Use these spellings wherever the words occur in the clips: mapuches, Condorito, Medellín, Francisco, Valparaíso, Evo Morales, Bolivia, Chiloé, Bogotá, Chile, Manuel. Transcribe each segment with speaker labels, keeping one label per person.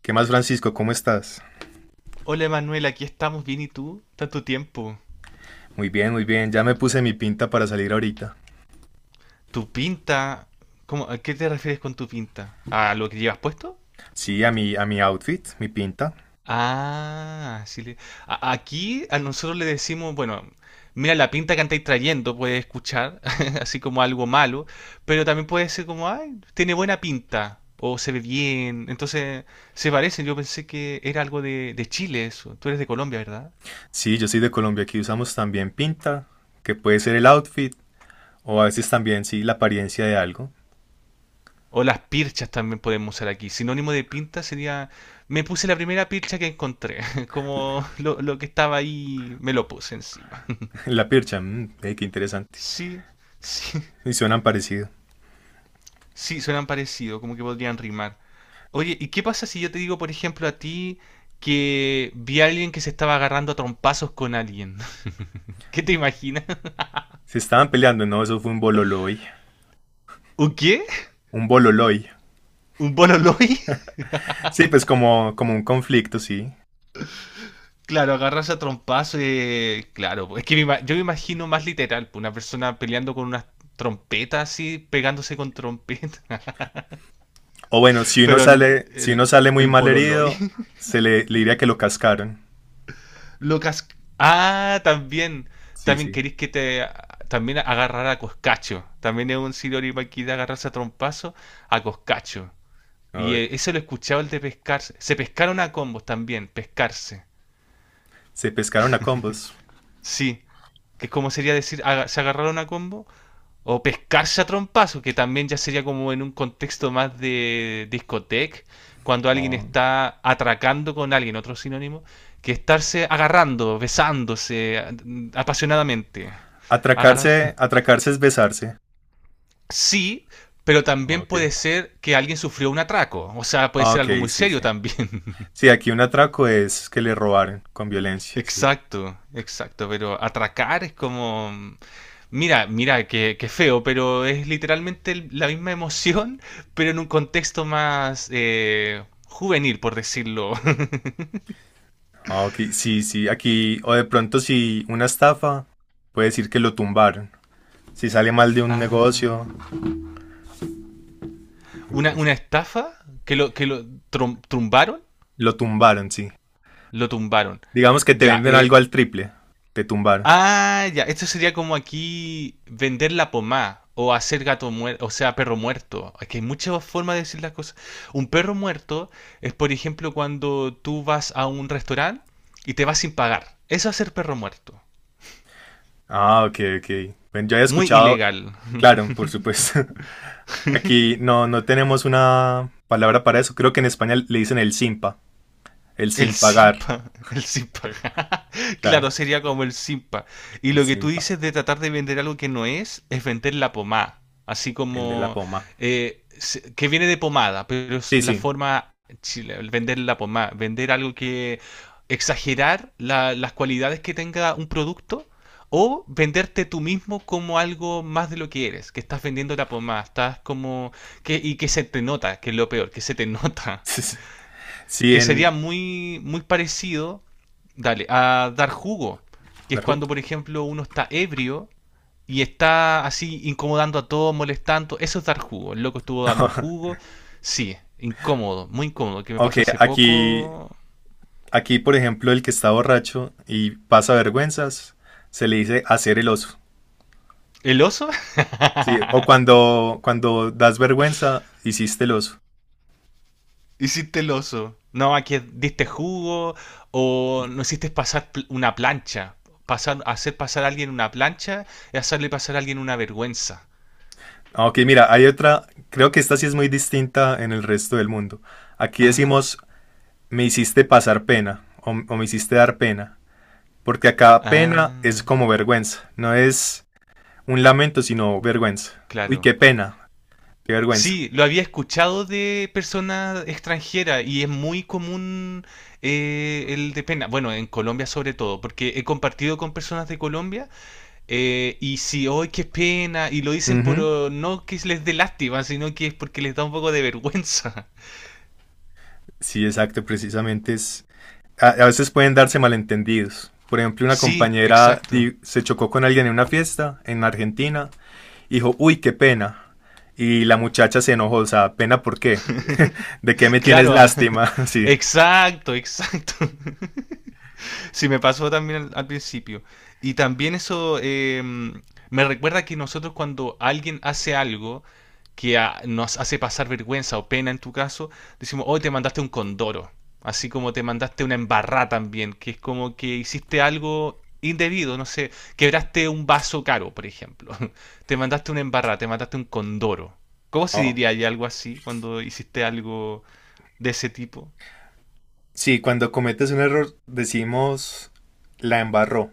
Speaker 1: ¿Qué más, Francisco? ¿Cómo estás?
Speaker 2: Hola Manuel, aquí estamos bien y tú, tanto tiempo.
Speaker 1: Muy bien, muy bien. Ya me puse mi pinta para salir ahorita.
Speaker 2: Tu pinta, ¿cómo, a qué te refieres con tu pinta? ¿A lo que llevas puesto?
Speaker 1: Sí, a mi outfit, mi pinta.
Speaker 2: Ah, sí. Aquí a nosotros le decimos, bueno, mira la pinta que andáis trayendo, puedes escuchar, así como algo malo, pero también puede ser como, ay, tiene buena pinta, o se ve bien, entonces se parecen. Yo pensé que era algo de Chile eso. Tú eres de Colombia, ¿verdad?
Speaker 1: Sí, yo soy de Colombia, aquí usamos también pinta, que puede ser el outfit, o a veces también, sí, la apariencia de algo.
Speaker 2: O las pirchas también podemos usar aquí. Sinónimo de pinta sería, me puse la primera pircha que encontré, como lo que estaba ahí, me lo puse encima.
Speaker 1: La pircha, qué interesante.
Speaker 2: Sí, sí,
Speaker 1: Y suenan parecido.
Speaker 2: sí, suenan parecido, como que podrían rimar. Oye, ¿y qué pasa si yo te digo, por ejemplo, a ti que vi a alguien que se estaba agarrando a trompazos con alguien? ¿Qué te imaginas?
Speaker 1: Se estaban peleando, no, eso fue un bololoy.
Speaker 2: ¿Un qué?
Speaker 1: Un bololoy.
Speaker 2: ¿Un bololoi?
Speaker 1: Sí, pues como, como un conflicto, sí.
Speaker 2: Claro, agarrarse a trompazo y... Claro, pues, es que yo me imagino más literal, pues, una persona peleando con unas trompetas así, pegándose con trompetas.
Speaker 1: O bueno, si uno
Speaker 2: Pero
Speaker 1: sale, si
Speaker 2: el,
Speaker 1: uno sale muy
Speaker 2: el
Speaker 1: mal
Speaker 2: pololoy.
Speaker 1: herido, le diría que lo cascaron.
Speaker 2: Lucas... Ah, también.
Speaker 1: Sí,
Speaker 2: También
Speaker 1: sí.
Speaker 2: querís que te... También agarrar a Coscacho. También es un siroripa aquí de agarrarse a trompazo a Coscacho. Y
Speaker 1: Ay,
Speaker 2: eso lo escuchaba el de pescarse. Se pescaron a combos también, pescarse.
Speaker 1: se pescaron a combos.
Speaker 2: Sí, que es como sería decir, se agarraron a combo. O pescarse a trompazo, que también ya sería como en un contexto más de discoteca, cuando alguien
Speaker 1: Oh.
Speaker 2: está atracando con alguien, otro sinónimo, que estarse agarrando, besándose apasionadamente. Agarrar.
Speaker 1: Atracarse, atracarse es besarse.
Speaker 2: Sí, pero
Speaker 1: Ah,
Speaker 2: también
Speaker 1: ok.
Speaker 2: puede ser que alguien sufrió un atraco. O sea, puede
Speaker 1: Ah,
Speaker 2: ser
Speaker 1: ok,
Speaker 2: algo muy
Speaker 1: sí,
Speaker 2: serio
Speaker 1: sí.
Speaker 2: también.
Speaker 1: Sí, aquí un atraco es que le robaron con violencia, sí.
Speaker 2: Exacto, exacto. Pero atracar es como. Mira, mira, qué feo, pero es literalmente la misma emoción, pero en un contexto más juvenil, por decirlo.
Speaker 1: Ah, ok, sí, sí, aquí, o de pronto si una estafa, puede decir que lo tumbaron. Si sale mal de un negocio,
Speaker 2: Ah, una,
Speaker 1: interés-
Speaker 2: una estafa que lo tumbaron,
Speaker 1: lo tumbaron, sí.
Speaker 2: lo tumbaron.
Speaker 1: Digamos que te
Speaker 2: Ya,
Speaker 1: venden algo al triple, te tumbaron.
Speaker 2: ah, ya, esto sería como aquí vender la pomada o hacer gato muerto, o sea, perro muerto. Es que hay muchas formas de decir las cosas. Un perro muerto es, por ejemplo, cuando tú vas a un restaurante y te vas sin pagar. Eso es ser perro muerto.
Speaker 1: Ah, ok, ok. Bueno, yo había
Speaker 2: Muy
Speaker 1: escuchado,
Speaker 2: ilegal.
Speaker 1: claro, por supuesto. Aquí no, no tenemos una palabra para eso. Creo que en España le dicen el simpa, el
Speaker 2: El
Speaker 1: sin pagar.
Speaker 2: simpa. El simpa. Claro,
Speaker 1: Claro,
Speaker 2: sería como el simpa. Y
Speaker 1: el
Speaker 2: lo que tú
Speaker 1: simpa,
Speaker 2: dices de tratar de vender algo que no es, es vender la pomada. Así
Speaker 1: vende la
Speaker 2: como.
Speaker 1: poma.
Speaker 2: Se- que viene de pomada, pero es
Speaker 1: Sí,
Speaker 2: la
Speaker 1: sí.
Speaker 2: forma. Chile- el vender la pomada. Vender algo que. Exagerar las cualidades que tenga un producto. O venderte tú mismo como algo más de lo que eres. Que estás vendiendo la pomada. Estás como. Que, y que se te nota, que es lo peor, que se te nota.
Speaker 1: Sí,
Speaker 2: Que sería
Speaker 1: en...
Speaker 2: muy, muy parecido, dale, a dar jugo, que es
Speaker 1: ¿Naru?
Speaker 2: cuando, por ejemplo, uno está ebrio y está así incomodando a todos, molestando, eso es dar jugo, el loco estuvo dando jugo, sí, incómodo, muy incómodo, que me
Speaker 1: Ok,
Speaker 2: pasó hace
Speaker 1: aquí,
Speaker 2: poco...
Speaker 1: aquí, por ejemplo, el que está borracho y pasa vergüenzas, se le dice hacer el oso.
Speaker 2: ¿El oso?
Speaker 1: Sí, o cuando das vergüenza, hiciste el oso.
Speaker 2: Hiciste el oso. No, aquí diste jugo o no hiciste pasar una plancha. Pasar, hacer pasar a alguien una plancha es hacerle pasar a alguien una vergüenza.
Speaker 1: Ah, ok, mira, hay otra, creo que esta sí es muy distinta en el resto del mundo. Aquí
Speaker 2: Ajá.
Speaker 1: decimos, me hiciste pasar pena o, me hiciste dar pena, porque acá pena es
Speaker 2: Ah.
Speaker 1: como vergüenza, no es un lamento, sino vergüenza. Uy,
Speaker 2: Claro.
Speaker 1: qué pena, qué vergüenza.
Speaker 2: Sí, lo había escuchado de personas extranjeras y es muy común el de pena. Bueno, en Colombia sobre todo, porque he compartido con personas de Colombia y si, hoy qué pena, y lo dicen
Speaker 1: Ujú,
Speaker 2: por oh, no que les dé lástima, sino que es porque les da un poco de vergüenza.
Speaker 1: sí, exacto, precisamente es... A veces pueden darse malentendidos. Por ejemplo, una
Speaker 2: Sí,
Speaker 1: compañera
Speaker 2: exacto.
Speaker 1: se chocó con alguien en una fiesta en Argentina, y dijo, uy, qué pena. Y la muchacha se enojó, o sea, ¿pena por qué? ¿De qué me tienes
Speaker 2: Claro, ah,
Speaker 1: lástima? Sí.
Speaker 2: exacto, exacto. Sí, me pasó también al principio. Y también eso me recuerda que nosotros cuando alguien hace algo que nos hace pasar vergüenza o pena en tu caso, decimos, hoy te mandaste un condoro. Así como te mandaste una embarrá también, que es como que hiciste algo indebido, no sé, quebraste un vaso caro, por ejemplo. Te mandaste una embarrá, te mandaste un condoro. ¿Cómo se
Speaker 1: No.
Speaker 2: diría ahí algo así cuando hiciste algo de ese tipo?
Speaker 1: Sí, cuando cometes un error decimos, la embarró,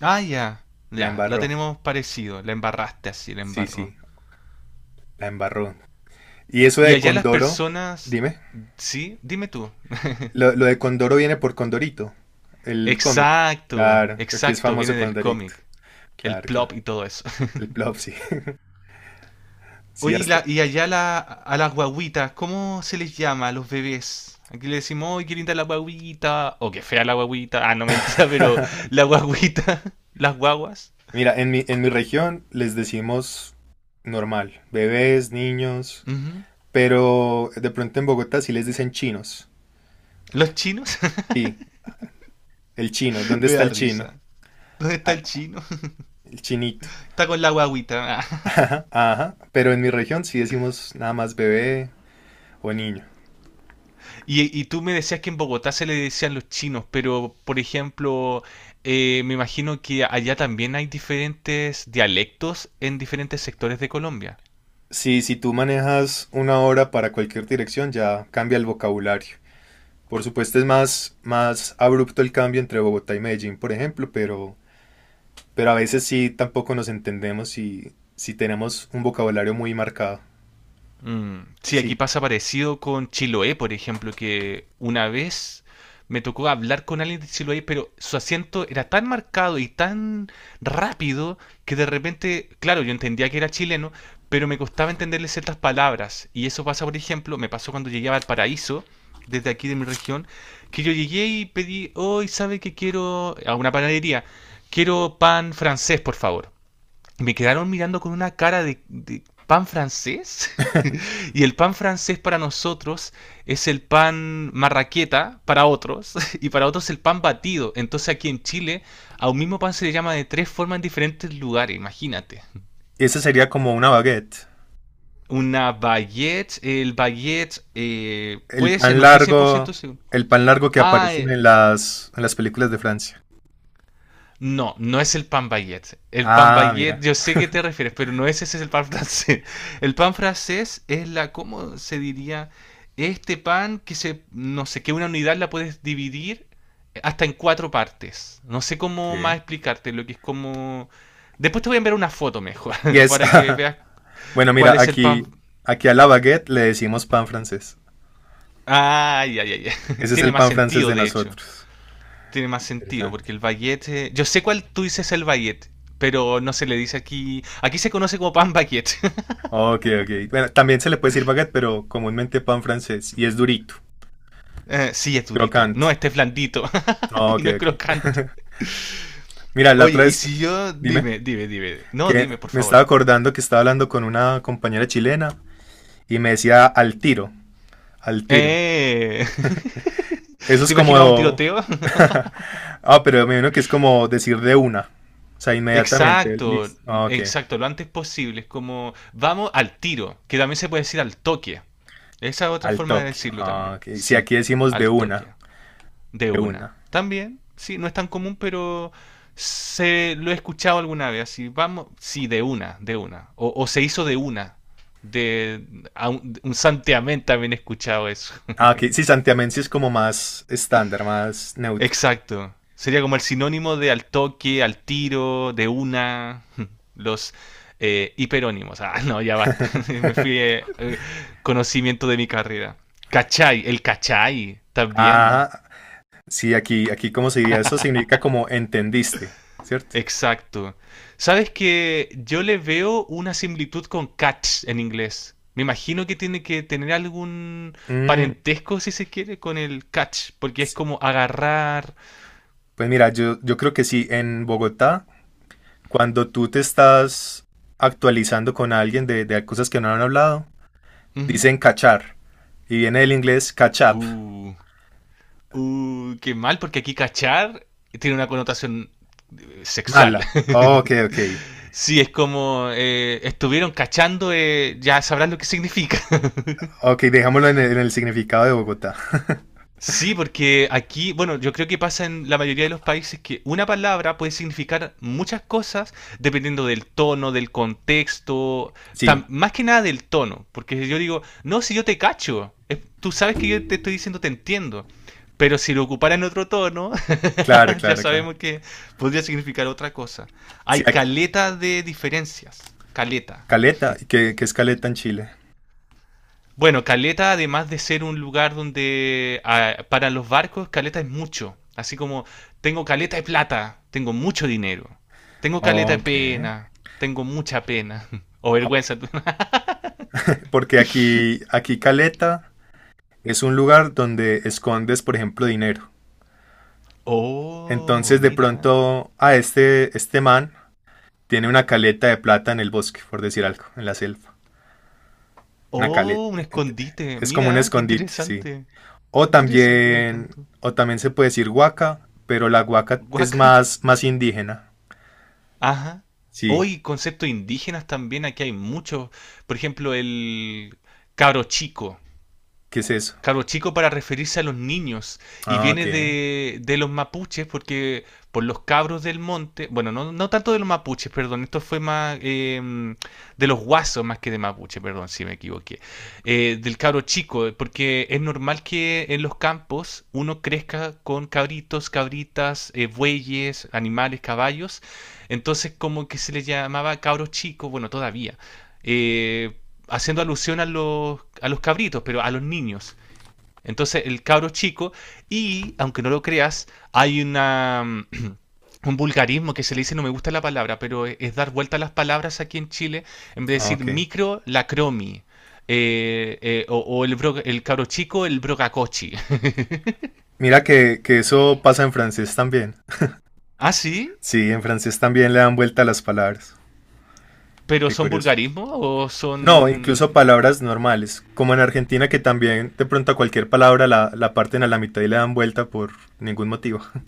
Speaker 2: Ah, ya.
Speaker 1: la
Speaker 2: Ya, la
Speaker 1: embarró.
Speaker 2: tenemos parecido. La embarraste así, la
Speaker 1: Sí,
Speaker 2: embarró.
Speaker 1: sí, la embarró. Y eso
Speaker 2: Y
Speaker 1: de
Speaker 2: allá las
Speaker 1: condoro,
Speaker 2: personas...
Speaker 1: dime.
Speaker 2: Sí, dime tú.
Speaker 1: Lo de condoro viene por Condorito, el cómic.
Speaker 2: Exacto,
Speaker 1: Claro, aquí es
Speaker 2: exacto, viene
Speaker 1: famoso
Speaker 2: del
Speaker 1: Condorito.
Speaker 2: cómic. El
Speaker 1: Claro,
Speaker 2: plop
Speaker 1: claro.
Speaker 2: y todo eso.
Speaker 1: El plop, sí. Sí,
Speaker 2: Oye, y,
Speaker 1: hasta.
Speaker 2: y allá a las guaguitas, ¿cómo se les llama a los bebés? Aquí le decimos, ¡ay, qué linda la guaguita! O qué fea la guaguita. Ah, no, mentira, pero la guaguita, las guaguas.
Speaker 1: Mira, en mi región les decimos normal, bebés, niños,
Speaker 2: Ujú.
Speaker 1: pero de pronto en Bogotá sí les dicen chinos.
Speaker 2: ¿Los chinos?
Speaker 1: Sí, el chino. ¿Dónde
Speaker 2: Me
Speaker 1: está
Speaker 2: da
Speaker 1: el chino?
Speaker 2: risa. ¿Dónde está el
Speaker 1: Ah,
Speaker 2: chino?
Speaker 1: el chinito.
Speaker 2: Está con la guaguita. Ah.
Speaker 1: Ajá, ajá. Pero en mi región sí decimos nada más bebé o niño.
Speaker 2: Y tú me decías que en Bogotá se le decían los chinos, pero por ejemplo, me imagino que allá también hay diferentes dialectos en diferentes sectores de Colombia.
Speaker 1: Sí, si tú manejas una hora para cualquier dirección, ya cambia el vocabulario. Por supuesto es más, más abrupto el cambio entre Bogotá y Medellín, por ejemplo, pero a veces sí tampoco nos entendemos y si tenemos un vocabulario muy marcado.
Speaker 2: Mm, Sí, aquí
Speaker 1: Sí,
Speaker 2: pasa parecido con Chiloé, por ejemplo, que una vez me tocó hablar con alguien de Chiloé, pero su acento era tan marcado y tan rápido que de repente, claro, yo entendía que era chileno, pero me costaba entenderle ciertas palabras. Y eso pasa, por ejemplo, me pasó cuando llegué a Valparaíso, desde aquí de mi región, que yo llegué y pedí, hoy sabe que quiero a una panadería, quiero pan francés, por favor. Y me quedaron mirando con una cara de pan francés. Y el pan francés para nosotros es el pan marraqueta para otros y para otros el pan batido. Entonces aquí en Chile a un mismo pan se le llama de tres formas en diferentes lugares, imagínate.
Speaker 1: esa sería como una baguette.
Speaker 2: Una baguette, el baguette
Speaker 1: El
Speaker 2: puede ser,
Speaker 1: pan
Speaker 2: no estoy cien por
Speaker 1: largo,
Speaker 2: ciento seguro.
Speaker 1: el pan largo que
Speaker 2: Ah,
Speaker 1: aparece en las películas de Francia.
Speaker 2: no, no es el pan baguette. El pan
Speaker 1: Ah,
Speaker 2: baguette,
Speaker 1: mira,
Speaker 2: yo sé que te refieres, pero no es ese, es el pan francés. El pan francés es la, ¿cómo se diría? Este pan que se, no sé, que una unidad la puedes dividir hasta en cuatro partes. No sé cómo más
Speaker 1: ¿qué?
Speaker 2: explicarte lo que es como... Después te voy a enviar una foto mejor,
Speaker 1: Y es,
Speaker 2: para que veas
Speaker 1: bueno,
Speaker 2: cuál
Speaker 1: mira,
Speaker 2: es el pan...
Speaker 1: aquí a la baguette le decimos pan francés.
Speaker 2: Ah, ya, ya, ya.
Speaker 1: Ese es
Speaker 2: Tiene
Speaker 1: el
Speaker 2: más
Speaker 1: pan francés
Speaker 2: sentido,
Speaker 1: de
Speaker 2: de hecho.
Speaker 1: nosotros.
Speaker 2: Tiene más sentido,
Speaker 1: Interesante.
Speaker 2: porque el baguette. Yo sé cuál tú dices el baguette, pero no se le dice aquí. Aquí se conoce como pan baguette.
Speaker 1: Ok, ok. Bueno, también se le puede decir baguette, pero comúnmente pan francés y es durito,
Speaker 2: Sí, es durito. No,
Speaker 1: crocante.
Speaker 2: este es blandito y
Speaker 1: Ok,
Speaker 2: no es
Speaker 1: ok.
Speaker 2: crocante.
Speaker 1: Mira, la
Speaker 2: Oye,
Speaker 1: otra
Speaker 2: y
Speaker 1: vez,
Speaker 2: si yo.
Speaker 1: dime,
Speaker 2: Dime, dime, dime. No,
Speaker 1: que
Speaker 2: dime, por
Speaker 1: me
Speaker 2: favor.
Speaker 1: estaba acordando que estaba hablando con una compañera chilena y me decía al tiro, al tiro.
Speaker 2: Eh.
Speaker 1: Eso
Speaker 2: ¿Te
Speaker 1: es
Speaker 2: imaginabas un
Speaker 1: como...
Speaker 2: tiroteo?
Speaker 1: Ah, pero me imagino que es como decir de una. O sea, inmediatamente,
Speaker 2: Exacto,
Speaker 1: listo. Ah, ok,
Speaker 2: exacto, lo antes posible. Es como, vamos al tiro, que también se puede decir al toque. Esa es otra
Speaker 1: al
Speaker 2: forma de
Speaker 1: toque.
Speaker 2: decirlo
Speaker 1: Ah,
Speaker 2: también.
Speaker 1: ok, si
Speaker 2: Sí,
Speaker 1: aquí decimos de
Speaker 2: al toque.
Speaker 1: una,
Speaker 2: De
Speaker 1: de
Speaker 2: una.
Speaker 1: una.
Speaker 2: También, sí, no es tan común, pero se lo he escuchado alguna vez. Así, vamos, sí, de una, de una. O se hizo de una. De a un santiamén también he escuchado eso.
Speaker 1: Ah, ok, sí, santiamén sí es como más estándar, más neutro.
Speaker 2: Exacto. Sería como el sinónimo de al toque, al tiro, de una. Los hiperónimos. Ah, no, ya basta. Me fui conocimiento de mi carrera. Cachai, el cachai también.
Speaker 1: Ah, sí, aquí, ¿cómo se diría? Eso significa como entendiste, ¿cierto?
Speaker 2: Exacto. Sabes que yo le veo una similitud con catch en inglés. Me imagino que tiene que tener algún
Speaker 1: Mm,
Speaker 2: parentesco, si se quiere, con el catch, porque es como
Speaker 1: sí.
Speaker 2: agarrar.
Speaker 1: Pues mira, yo creo que sí, en Bogotá, cuando tú te estás actualizando con alguien de cosas que no han hablado,
Speaker 2: Ujú.
Speaker 1: dicen cachar. Y viene del inglés catch up,
Speaker 2: Uh, qué mal, porque aquí cachar tiene una connotación sexual.
Speaker 1: mala. Ok, ok.
Speaker 2: Sí, es como estuvieron cachando, ya sabrás lo que significa.
Speaker 1: Ok, dejámoslo en el significado de Bogotá.
Speaker 2: Sí, porque aquí, bueno, yo creo que pasa en la mayoría de los países que una palabra puede significar muchas cosas dependiendo del tono, del contexto,
Speaker 1: Sí,
Speaker 2: más que nada del tono, porque yo digo, no, si yo te cacho, tú sabes que yo te estoy diciendo te entiendo, pero si lo ocupara en otro tono,
Speaker 1: claro,
Speaker 2: ya
Speaker 1: claro, claro.
Speaker 2: sabemos que podría significar otra cosa.
Speaker 1: Sí,
Speaker 2: Hay caleta de diferencias, caleta.
Speaker 1: caleta, ¿qué es caleta en Chile?
Speaker 2: Bueno, caleta, además de ser un lugar donde para los barcos, caleta es mucho. Así como tengo caleta de plata, tengo mucho dinero. Tengo caleta de
Speaker 1: Ok,
Speaker 2: pena, tengo mucha pena. O vergüenza.
Speaker 1: ok. Porque aquí caleta es un lugar donde escondes, por ejemplo, dinero.
Speaker 2: Oh,
Speaker 1: Entonces de
Speaker 2: mira.
Speaker 1: pronto a este man tiene una caleta de plata en el bosque, por decir algo, en la selva. Una caleta.
Speaker 2: Oh, un escondite.
Speaker 1: Es como un
Speaker 2: Mira, qué
Speaker 1: escondite, sí.
Speaker 2: interesante.
Speaker 1: O
Speaker 2: Qué interesante, me
Speaker 1: también,
Speaker 2: encantó.
Speaker 1: o también se puede decir huaca, pero la huaca es
Speaker 2: Guaca.
Speaker 1: más, más indígena.
Speaker 2: Ajá.
Speaker 1: Sí,
Speaker 2: Hoy conceptos indígenas también, aquí hay muchos. Por ejemplo, el cabro chico.
Speaker 1: ¿qué es eso?
Speaker 2: Cabro chico para referirse a los niños. Y
Speaker 1: Ah,
Speaker 2: viene
Speaker 1: ok,
Speaker 2: de los mapuches porque por los cabros del monte. Bueno, no, no tanto de los mapuches, perdón. Esto fue más de los guasos más que de mapuche, perdón si me equivoqué. Del cabro chico, porque es normal que en los campos uno crezca con cabritos, cabritas, bueyes, animales, caballos. Entonces como que se le llamaba cabro chico, bueno, todavía. Eh, haciendo alusión a los cabritos, pero a los niños. Entonces el cabro chico, y aunque no lo creas, hay una... un vulgarismo que se le dice, no me gusta la palabra, pero es dar vuelta a las palabras aquí en Chile, en vez de
Speaker 1: ah,
Speaker 2: decir
Speaker 1: ok.
Speaker 2: micro, la cromi, o el cabro chico, el brocacochi.
Speaker 1: Mira que eso pasa en francés también.
Speaker 2: ¿Ah, sí?
Speaker 1: Sí, en francés también le dan vuelta a las palabras.
Speaker 2: ¿Pero
Speaker 1: Qué
Speaker 2: son
Speaker 1: curioso.
Speaker 2: vulgarismos o
Speaker 1: No, incluso
Speaker 2: son...?
Speaker 1: palabras normales, como en Argentina que también de pronto a cualquier palabra la parten a la mitad y le dan vuelta por ningún motivo.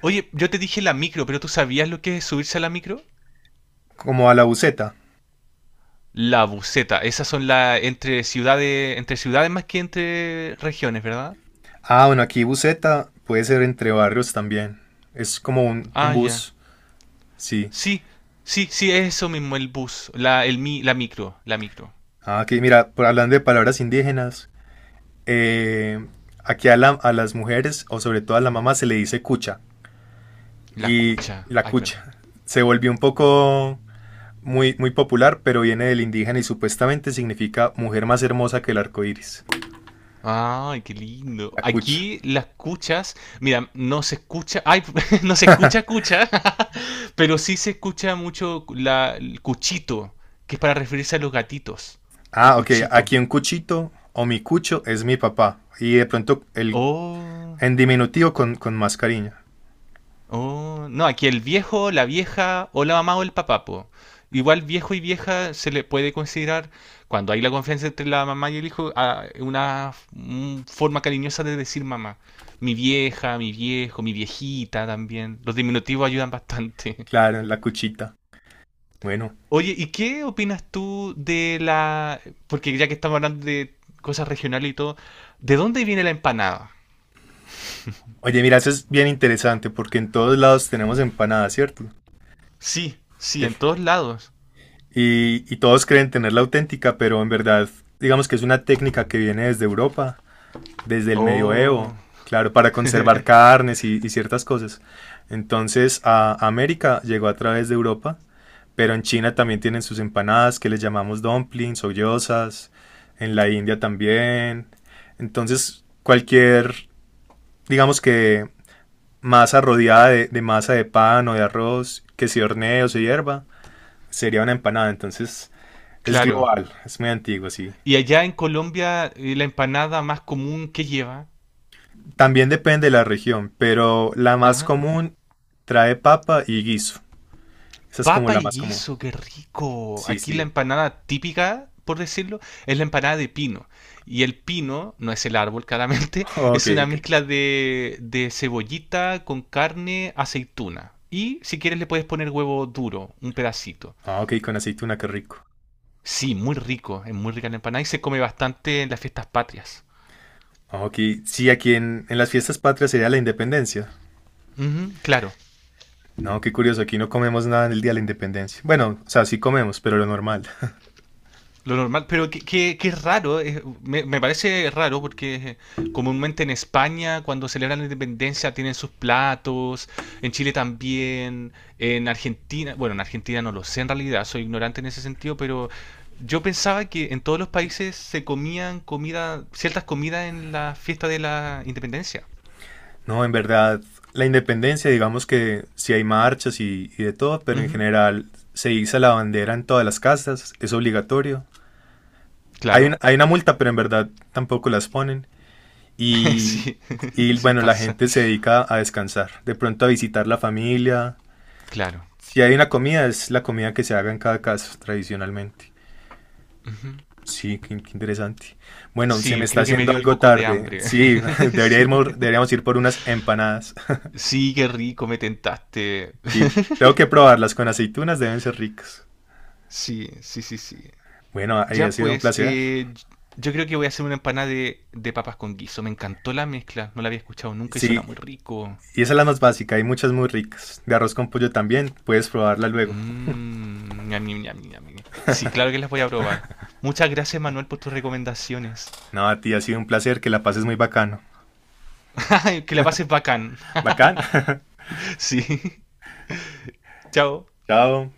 Speaker 2: Oye, yo te dije la micro, pero ¿tú sabías lo que es subirse a la micro?
Speaker 1: Como a la buceta.
Speaker 2: La buceta, esas son las entre ciudades más que entre regiones, ¿verdad?
Speaker 1: Ah, bueno, aquí buceta puede ser entre barrios también. Es como un,
Speaker 2: Ah,
Speaker 1: un
Speaker 2: ya.
Speaker 1: bus, sí.
Speaker 2: Sí, sí, sí, es eso mismo, el bus, la micro, la micro,
Speaker 1: Ah, aquí mira, hablando de palabras indígenas, eh, aquí a las mujeres o sobre todo a la mamá se le dice cucha
Speaker 2: la
Speaker 1: y
Speaker 2: cucha.
Speaker 1: la
Speaker 2: Ay, perdón.
Speaker 1: cucha se volvió un poco muy, muy popular, pero viene del indígena y supuestamente significa mujer más hermosa que el arco iris.
Speaker 2: Ay, qué lindo.
Speaker 1: La cucha.
Speaker 2: Aquí las cuchas, mira, no se escucha, ay, no se escucha cucha, pero sí se escucha mucho el cuchito, que es para referirse a los gatitos. Un
Speaker 1: Ah, ok.
Speaker 2: cuchito.
Speaker 1: Aquí un cuchito o mi cucho es mi papá. Y de pronto el
Speaker 2: Oh.
Speaker 1: en diminutivo con más cariño.
Speaker 2: Oh, no, aquí el viejo, la vieja o la mamá o el papá, po. Igual viejo y vieja se le puede considerar, cuando hay la confianza entre la mamá y el hijo, una un forma cariñosa de decir mamá. Mi vieja, mi viejo, mi viejita también. Los diminutivos ayudan bastante.
Speaker 1: Claro, la cuchita. Bueno.
Speaker 2: Oye, ¿y qué opinas tú de la... Porque ya que estamos hablando de cosas regionales y todo, ¿de dónde viene la empanada?
Speaker 1: Oye, mira, eso es bien interesante porque en todos lados tenemos empanadas, ¿cierto?
Speaker 2: Sí, sí, en
Speaker 1: Te-
Speaker 2: todos lados.
Speaker 1: y todos creen tener la auténtica, pero en verdad, digamos que es una técnica que viene desde Europa desde el medioevo,
Speaker 2: Oh,
Speaker 1: claro, para conservar carnes y ciertas cosas. Entonces a América llegó a través de Europa, pero en China también tienen sus empanadas que les llamamos dumplings o gyozas, en la India también. Entonces cualquier, digamos que masa rodeada de masa de pan o de arroz que se hornee o se hierva, sería una empanada. Entonces es
Speaker 2: claro.
Speaker 1: global, es muy antiguo, sí.
Speaker 2: Y allá en Colombia, la empanada más común que lleva.
Speaker 1: También depende de la región, pero la más
Speaker 2: Ajá.
Speaker 1: común trae papa y guiso. Esa es como
Speaker 2: Papa
Speaker 1: la
Speaker 2: y
Speaker 1: más común.
Speaker 2: guiso, qué rico.
Speaker 1: Sí,
Speaker 2: Aquí la
Speaker 1: sí.
Speaker 2: empanada típica, por decirlo, es la empanada de pino. Y el pino, no es el árbol claramente,
Speaker 1: Oh, ok,
Speaker 2: es una
Speaker 1: ok, ok.
Speaker 2: mezcla de cebollita con carne, aceituna. Y si quieres le puedes poner huevo duro, un pedacito.
Speaker 1: Ah, ok, con aceituna, qué rico.
Speaker 2: Sí, muy rico, es muy rica la empanada y se come bastante en las fiestas patrias.
Speaker 1: Ah, ok, sí, aquí en las fiestas patrias sería la independencia.
Speaker 2: Ujú, claro.
Speaker 1: No, qué curioso, aquí no comemos nada en el día de la independencia. Bueno, o sea, sí comemos, pero lo normal.
Speaker 2: Lo normal, pero que es raro, me parece raro porque comúnmente en España cuando celebran la independencia tienen sus platos, en Chile también, en Argentina, bueno, en Argentina no lo sé en realidad, soy ignorante en ese sentido, pero yo pensaba que en todos los países se comían comida, ciertas comidas en la fiesta de la independencia.
Speaker 1: No, en verdad, la independencia, digamos que sí hay marchas y de todo, pero en
Speaker 2: Ujú,
Speaker 1: general se iza la bandera en todas las casas, es obligatorio. Hay
Speaker 2: claro,
Speaker 1: una, hay una multa, pero en verdad tampoco las ponen. y,
Speaker 2: sí,
Speaker 1: y
Speaker 2: sí
Speaker 1: bueno, la
Speaker 2: pasa,
Speaker 1: gente se dedica a descansar, de pronto a visitar la familia.
Speaker 2: claro.
Speaker 1: Si hay una comida, es la comida que se haga en cada casa tradicionalmente.
Speaker 2: Ujú.
Speaker 1: Sí, qué interesante. Bueno, se me
Speaker 2: Sí,
Speaker 1: está
Speaker 2: creo que me
Speaker 1: haciendo
Speaker 2: dio un
Speaker 1: algo
Speaker 2: poco de
Speaker 1: tarde.
Speaker 2: hambre.
Speaker 1: Sí,
Speaker 2: Sí.
Speaker 1: deberíamos ir por unas empanadas.
Speaker 2: Sí, qué rico, me tentaste.
Speaker 1: Sí, tengo que probarlas con aceitunas, deben ser ricas.
Speaker 2: Sí, sí, sí, sí.
Speaker 1: Bueno, ahí ha
Speaker 2: Ya
Speaker 1: sido un
Speaker 2: pues,
Speaker 1: placer.
Speaker 2: yo creo que voy a hacer una empanada de papas con guiso. Me encantó la mezcla, no la había escuchado nunca y suena
Speaker 1: Sí,
Speaker 2: muy rico.
Speaker 1: y esa es la más básica, hay muchas muy ricas. De arroz con pollo también, puedes probarla luego.
Speaker 2: Mmm, ñam, ñam, ñam, ñam, ñam. Sí, claro que las voy a probar. Muchas gracias, Manuel, por tus recomendaciones.
Speaker 1: No, a ti ha sido un placer, que la pases muy bacano.
Speaker 2: Que la pases bacán.
Speaker 1: Bacán,
Speaker 2: Sí, chao.
Speaker 1: chao.